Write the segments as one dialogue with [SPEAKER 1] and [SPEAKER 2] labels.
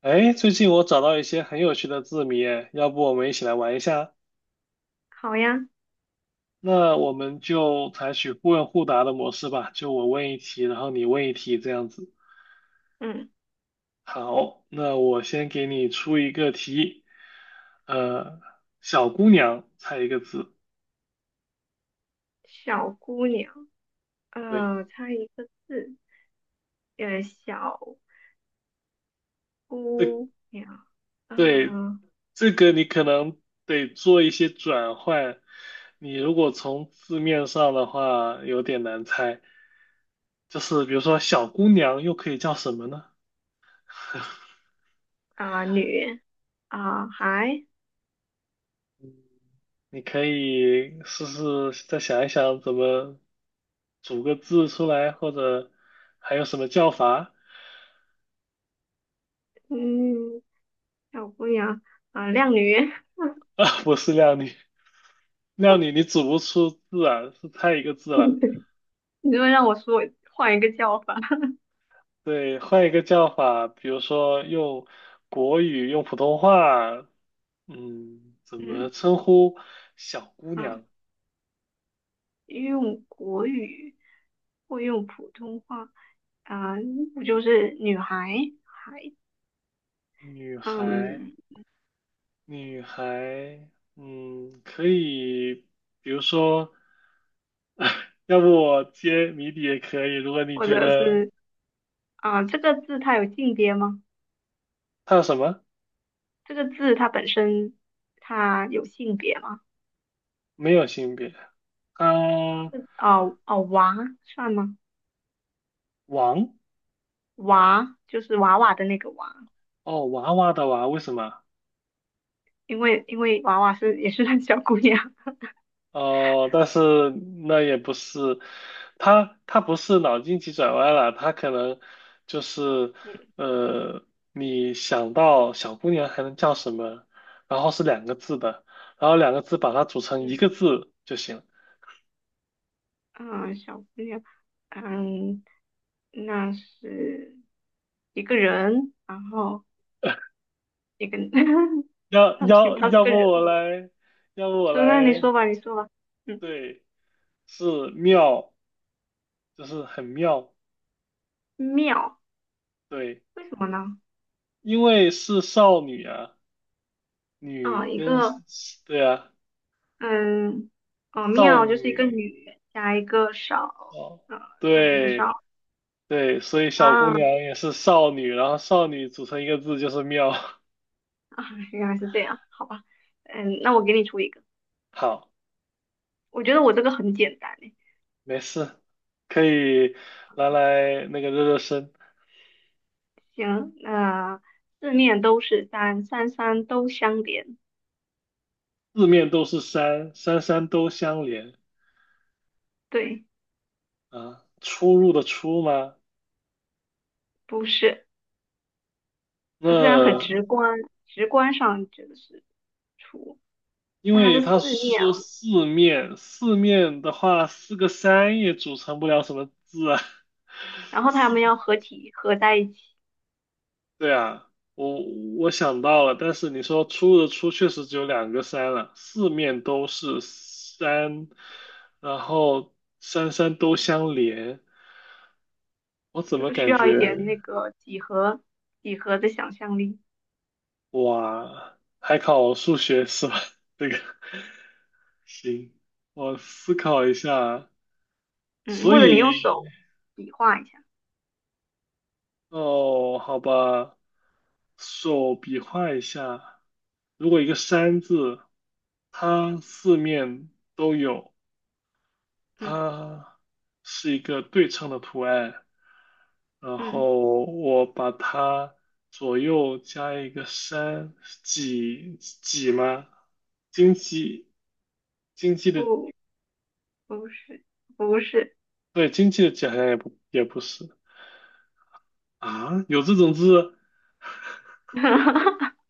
[SPEAKER 1] 哎，最近我找到一些很有趣的字谜，哎，要不我们一起来玩一下？
[SPEAKER 2] 好呀，
[SPEAKER 1] 那我们就采取互问互答的模式吧，就我问一题，然后你问一题这样子。
[SPEAKER 2] 嗯，
[SPEAKER 1] 好，那我先给你出一个题，呃，小姑娘，猜一个字。
[SPEAKER 2] 小姑娘，
[SPEAKER 1] 对，
[SPEAKER 2] 猜一个字，小
[SPEAKER 1] 对
[SPEAKER 2] 姑娘，
[SPEAKER 1] 对，
[SPEAKER 2] 呃
[SPEAKER 1] 这个你可能得做一些转换，你如果从字面上的话，有点难猜。就是比如说小姑娘又可以叫什么呢？
[SPEAKER 2] 啊、女啊、孩，
[SPEAKER 1] 你可以试试再想一想怎么组个字出来，或者还有什么叫法。
[SPEAKER 2] 嗯，小姑娘啊、靓女，
[SPEAKER 1] 啊？不是靓女，靓女你组不出字啊，是太一个字 了。
[SPEAKER 2] 你这么让我说，换一个叫法，
[SPEAKER 1] 对，换一个叫法，比如说用国语、用普通话，嗯，怎 么
[SPEAKER 2] 嗯
[SPEAKER 1] 称呼小姑
[SPEAKER 2] 啊、
[SPEAKER 1] 娘、
[SPEAKER 2] 用国语或用普通话，啊、不就是女孩，
[SPEAKER 1] 女孩？
[SPEAKER 2] 嗯，
[SPEAKER 1] 女孩，嗯，可以，比如说，要不我接谜底也可以。如果你
[SPEAKER 2] 或
[SPEAKER 1] 觉
[SPEAKER 2] 者
[SPEAKER 1] 得
[SPEAKER 2] 是啊、这个字它有性别吗？
[SPEAKER 1] 她什么
[SPEAKER 2] 这个字它本身它有性别吗？
[SPEAKER 1] 没有性别，啊，
[SPEAKER 2] 哦哦，娃算吗？
[SPEAKER 1] 王
[SPEAKER 2] 娃就是娃娃的那个娃，
[SPEAKER 1] 哦，娃娃的娃，为什么？
[SPEAKER 2] 因为娃娃是也是那小姑娘，
[SPEAKER 1] 哦，但是那也不是，他不是脑筋急转弯了，他可能就是，
[SPEAKER 2] 嗯
[SPEAKER 1] 呃，你想到小姑娘还能叫什么，然后是两个字的，然后两个字把它组成一个
[SPEAKER 2] 嗯
[SPEAKER 1] 字就行。
[SPEAKER 2] 嗯，小姑娘，嗯，那是一个人，然后 一个 他是他是
[SPEAKER 1] 要
[SPEAKER 2] 个
[SPEAKER 1] 不我
[SPEAKER 2] 人，
[SPEAKER 1] 来，要不我
[SPEAKER 2] 就那你
[SPEAKER 1] 来，
[SPEAKER 2] 说吧，你说吧，嗯，
[SPEAKER 1] 对，是妙，就是很妙，
[SPEAKER 2] 妙，
[SPEAKER 1] 对，
[SPEAKER 2] 为什么呢？
[SPEAKER 1] 因为是少女啊，女
[SPEAKER 2] 啊、一
[SPEAKER 1] 跟，
[SPEAKER 2] 个
[SPEAKER 1] 对啊，
[SPEAKER 2] 嗯，哦，
[SPEAKER 1] 少
[SPEAKER 2] 妙就是一个
[SPEAKER 1] 女
[SPEAKER 2] 女加一个少，
[SPEAKER 1] 哦，
[SPEAKER 2] 呃，那就是
[SPEAKER 1] 对
[SPEAKER 2] 少
[SPEAKER 1] 对，所以小姑
[SPEAKER 2] 啊啊，
[SPEAKER 1] 娘也是少女，然后少女组成一个字就是妙。
[SPEAKER 2] 原来是这样，好吧，嗯，那我给你出一个，
[SPEAKER 1] 好，
[SPEAKER 2] 我觉得我这个很简单诶，
[SPEAKER 1] 没事，可以拿来那个热热身。
[SPEAKER 2] 行，那、四面都是山，山山都相连，
[SPEAKER 1] 四面都是山，山山都相连
[SPEAKER 2] 对，
[SPEAKER 1] 啊。出入的出吗？
[SPEAKER 2] 不是，
[SPEAKER 1] 那
[SPEAKER 2] 虽然很直观，直观上觉得是出，
[SPEAKER 1] 因
[SPEAKER 2] 但它
[SPEAKER 1] 为
[SPEAKER 2] 是
[SPEAKER 1] 他
[SPEAKER 2] 四面
[SPEAKER 1] 说
[SPEAKER 2] 啊，
[SPEAKER 1] 四面，四面的话，四个山也组成不了什么字啊。
[SPEAKER 2] 然 后它
[SPEAKER 1] 四
[SPEAKER 2] 们要合体合在一起，
[SPEAKER 1] 对啊，我我想到了，但是你说出的出确实只有两个山了，四面都是山，然后山山都相连，我怎
[SPEAKER 2] 这
[SPEAKER 1] 么
[SPEAKER 2] 个需
[SPEAKER 1] 感
[SPEAKER 2] 要一
[SPEAKER 1] 觉
[SPEAKER 2] 点那个几何的想象力。
[SPEAKER 1] 哇，还考数学是吧？这个行，我思考一下，
[SPEAKER 2] 嗯，
[SPEAKER 1] 所
[SPEAKER 2] 或者你用
[SPEAKER 1] 以
[SPEAKER 2] 手比划一下，
[SPEAKER 1] 哦，好吧，手比划一下，如果一个山字，它四面都有。
[SPEAKER 2] 嗯
[SPEAKER 1] 它是一个对称的图案，然
[SPEAKER 2] 嗯，
[SPEAKER 1] 后我把它左右加一个山，几几吗？经济经济
[SPEAKER 2] 不
[SPEAKER 1] 的
[SPEAKER 2] 不是不是，
[SPEAKER 1] 对经济的几好像也不是啊，有这种字，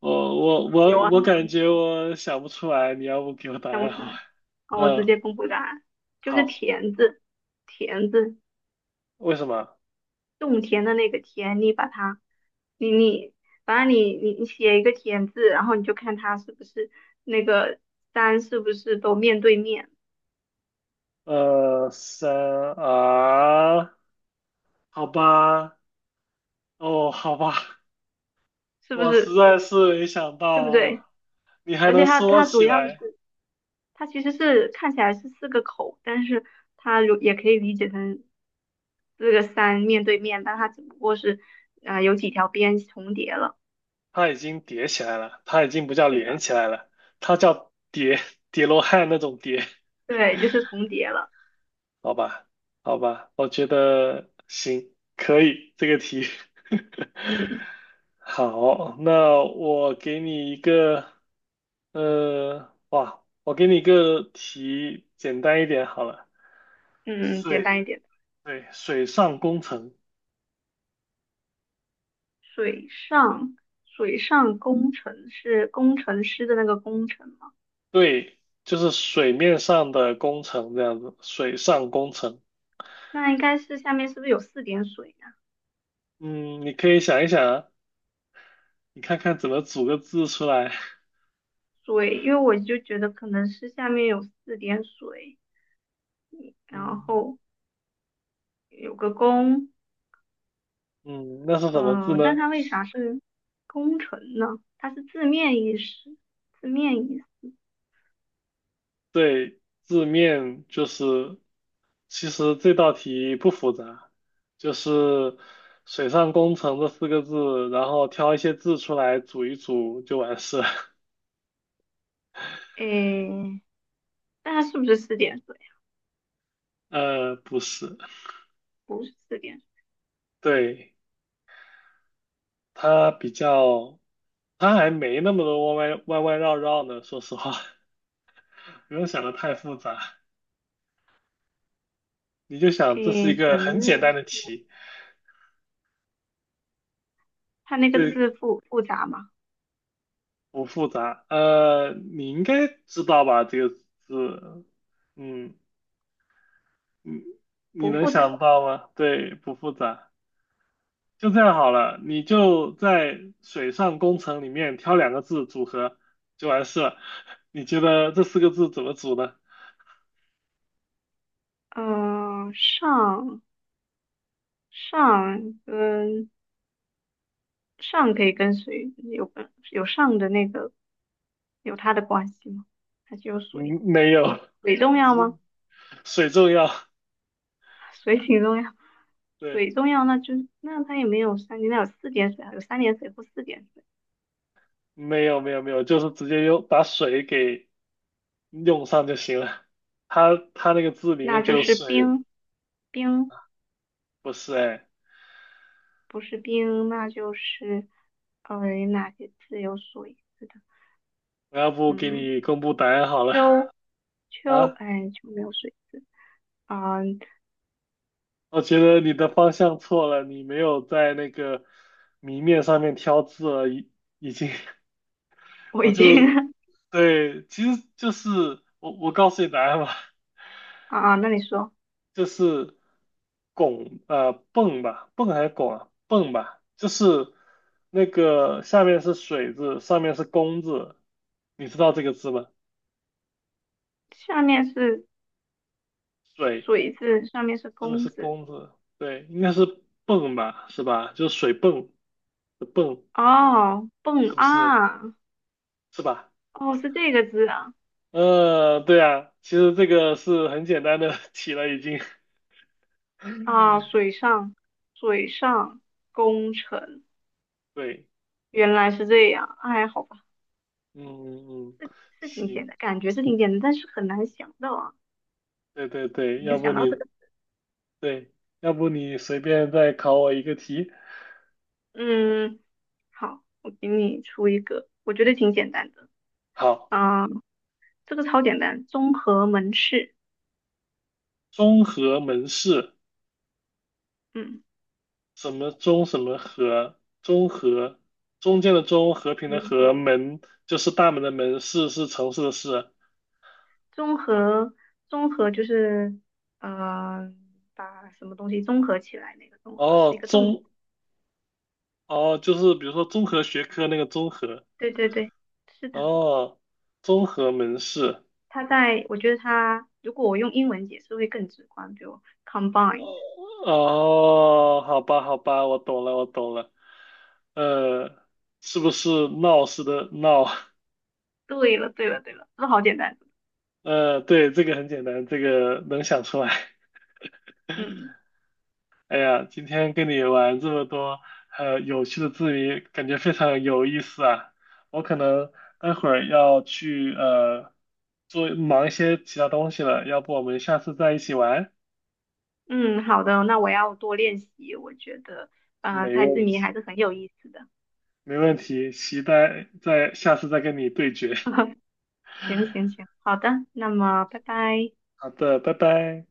[SPEAKER 2] 有啊，
[SPEAKER 1] 我感 觉我想不出来，你要不给我答
[SPEAKER 2] 想不
[SPEAKER 1] 案
[SPEAKER 2] 出
[SPEAKER 1] 好吧？
[SPEAKER 2] 来，好，我直
[SPEAKER 1] 嗯，
[SPEAKER 2] 接公布答案，就是
[SPEAKER 1] 好，
[SPEAKER 2] 田字，田字，
[SPEAKER 1] 为什么？
[SPEAKER 2] 种田的那个田，你把它，你你，反正你写一个田字，然后你就看它是不是那个山是不是都面对面，
[SPEAKER 1] 呃，三啊，好吧，哦，好吧。
[SPEAKER 2] 是不
[SPEAKER 1] 我实
[SPEAKER 2] 是
[SPEAKER 1] 在是没想
[SPEAKER 2] 对不对？
[SPEAKER 1] 到你还
[SPEAKER 2] 而且
[SPEAKER 1] 能
[SPEAKER 2] 它
[SPEAKER 1] 说
[SPEAKER 2] 它主
[SPEAKER 1] 起
[SPEAKER 2] 要是
[SPEAKER 1] 来，
[SPEAKER 2] 它其实是看起来是四个口，但是它如也可以理解成。四个山面对面，但它只不过是啊、有几条边重叠了。
[SPEAKER 1] 它已经叠起来了，它已经不叫
[SPEAKER 2] 是
[SPEAKER 1] 连
[SPEAKER 2] 的，
[SPEAKER 1] 起来了，它叫叠罗汉那种叠，
[SPEAKER 2] 对，就是重叠了。
[SPEAKER 1] 好吧，好吧，我觉得行，可以这个题。
[SPEAKER 2] 嗯
[SPEAKER 1] 好，那我给你一个，哇，我给你一个题，简单一点好了，
[SPEAKER 2] 嗯，简
[SPEAKER 1] 水，
[SPEAKER 2] 单一点。
[SPEAKER 1] 对，水上工程。
[SPEAKER 2] 水上水上工程是工程师的那个工程吗？
[SPEAKER 1] 对，就是水面上的工程这样子，水上工程。
[SPEAKER 2] 那应该是下面是不是有四点水呀、
[SPEAKER 1] 嗯，你可以想一想啊你看看怎么组个字出来。
[SPEAKER 2] 水，因为我就觉得可能是下面有四点水，然
[SPEAKER 1] 嗯
[SPEAKER 2] 后有个工，
[SPEAKER 1] 嗯，那是什么字
[SPEAKER 2] 嗯、
[SPEAKER 1] 呢？
[SPEAKER 2] 但它为啥是工程呢？它是字面意思，字面意思。
[SPEAKER 1] 对，字面就是，其实这道题不复杂，就是水上工程这四个字，然后挑一些字出来组一组就完事了。
[SPEAKER 2] 诶，那它是不是四点水？
[SPEAKER 1] 不是，
[SPEAKER 2] 不是四点水，
[SPEAKER 1] 对，它比较，它还没那么多弯弯弯弯绕绕呢，说实话。不用想的太复杂，你就想这是
[SPEAKER 2] 诶，
[SPEAKER 1] 一个
[SPEAKER 2] 纯
[SPEAKER 1] 很简
[SPEAKER 2] 日，
[SPEAKER 1] 单的题，
[SPEAKER 2] 它那个
[SPEAKER 1] 对，
[SPEAKER 2] 字复杂吗？
[SPEAKER 1] 不复杂。你应该知道吧？这个字，嗯，你你
[SPEAKER 2] 不
[SPEAKER 1] 能
[SPEAKER 2] 复杂。
[SPEAKER 1] 想到吗？对，不复杂。就这样好了，你就在水上工程里面挑两个字组合就完事了。你觉得这四个字怎么组呢？
[SPEAKER 2] 嗯、上跟上可以跟水有跟有上的那个有它的关系吗？还是有水？
[SPEAKER 1] 嗯，没有，
[SPEAKER 2] 水重要吗？
[SPEAKER 1] 水重要。
[SPEAKER 2] 水挺重要，
[SPEAKER 1] 对，
[SPEAKER 2] 水重要，那就那它也没有三点，那有四点水啊，有三点水或四点水，
[SPEAKER 1] 没有，就是直接用把水给用上就行了。它那个字里面
[SPEAKER 2] 那
[SPEAKER 1] 就
[SPEAKER 2] 就
[SPEAKER 1] 有
[SPEAKER 2] 是
[SPEAKER 1] 水，
[SPEAKER 2] 冰，
[SPEAKER 1] 不是哎，
[SPEAKER 2] 不是冰，那就是呃哪些字有水？是的，
[SPEAKER 1] 我要不给
[SPEAKER 2] 嗯。
[SPEAKER 1] 你公布答案好了
[SPEAKER 2] 秋秋，
[SPEAKER 1] 啊？
[SPEAKER 2] 哎，秋没有水啊、
[SPEAKER 1] 我觉得你的方向错了，你没有在那个谜面上面挑字了，已经，
[SPEAKER 2] 我
[SPEAKER 1] 我
[SPEAKER 2] 已经
[SPEAKER 1] 就 对，其实就是我告诉你答案吧，
[SPEAKER 2] 啊，那你说，
[SPEAKER 1] 就是拱泵吧，泵还是拱啊？泵吧，就是那个下面是水字，上面是弓字，你知道这个字吗？
[SPEAKER 2] 下面是
[SPEAKER 1] 水。
[SPEAKER 2] 水字，上面是
[SPEAKER 1] 这个是
[SPEAKER 2] 弓字，
[SPEAKER 1] 弓字，对，应该是泵吧，是吧？就是水泵的泵，
[SPEAKER 2] 哦，蹦
[SPEAKER 1] 是不是？
[SPEAKER 2] 啊，
[SPEAKER 1] 是吧？
[SPEAKER 2] 哦，是这个字啊，
[SPEAKER 1] 对啊，其实这个是很简单的 题了，已经。
[SPEAKER 2] 啊，水上工程，
[SPEAKER 1] 对，
[SPEAKER 2] 原来是这样，哎，好吧，
[SPEAKER 1] 嗯嗯，
[SPEAKER 2] 是是挺
[SPEAKER 1] 行，
[SPEAKER 2] 简单，感觉是挺简单，但是很难想到啊，
[SPEAKER 1] 对对对，
[SPEAKER 2] 很
[SPEAKER 1] 要
[SPEAKER 2] 难
[SPEAKER 1] 不
[SPEAKER 2] 想到
[SPEAKER 1] 你
[SPEAKER 2] 这个，
[SPEAKER 1] 对，要不你随便再考我一个题。
[SPEAKER 2] 嗯，好，我给你出一个，我觉得挺简单的，
[SPEAKER 1] 好，
[SPEAKER 2] 啊、这个超简单，综合门市。
[SPEAKER 1] 中和门市，
[SPEAKER 2] 嗯。
[SPEAKER 1] 什么中什么和，中和，中间的中，和平的
[SPEAKER 2] 嗯，
[SPEAKER 1] 和，门就是大门的门，市是城市的市。
[SPEAKER 2] 综合综合就是，呃，把什么东西综合起来，那个综合是一
[SPEAKER 1] 哦，
[SPEAKER 2] 个动词
[SPEAKER 1] 综，哦，就是比如说综合学科那个综合，
[SPEAKER 2] 对对对，是的。
[SPEAKER 1] 哦，综合门市，
[SPEAKER 2] 它在，我觉得它，如果我用英文解释会更直观，比如 combine。
[SPEAKER 1] 哦，好吧，好吧，我懂了，我懂了，呃，是不是闹似的闹？
[SPEAKER 2] 对了对了对了，这好简单。
[SPEAKER 1] 对，这个很简单，这个能想出来。
[SPEAKER 2] 嗯
[SPEAKER 1] 哎呀，今天跟你玩这么多有趣的字谜，感觉非常有意思啊。我可能待会儿要去做忙一些其他东西了，要不我们下次再一起玩？
[SPEAKER 2] 嗯，好的，那我要多练习。我觉得，
[SPEAKER 1] 没
[SPEAKER 2] 猜字
[SPEAKER 1] 问
[SPEAKER 2] 谜
[SPEAKER 1] 题，
[SPEAKER 2] 还是很有意思的。
[SPEAKER 1] 没问题，期待在下次再跟你对决。
[SPEAKER 2] 行行行，好的，那么拜拜。
[SPEAKER 1] 好的，拜拜。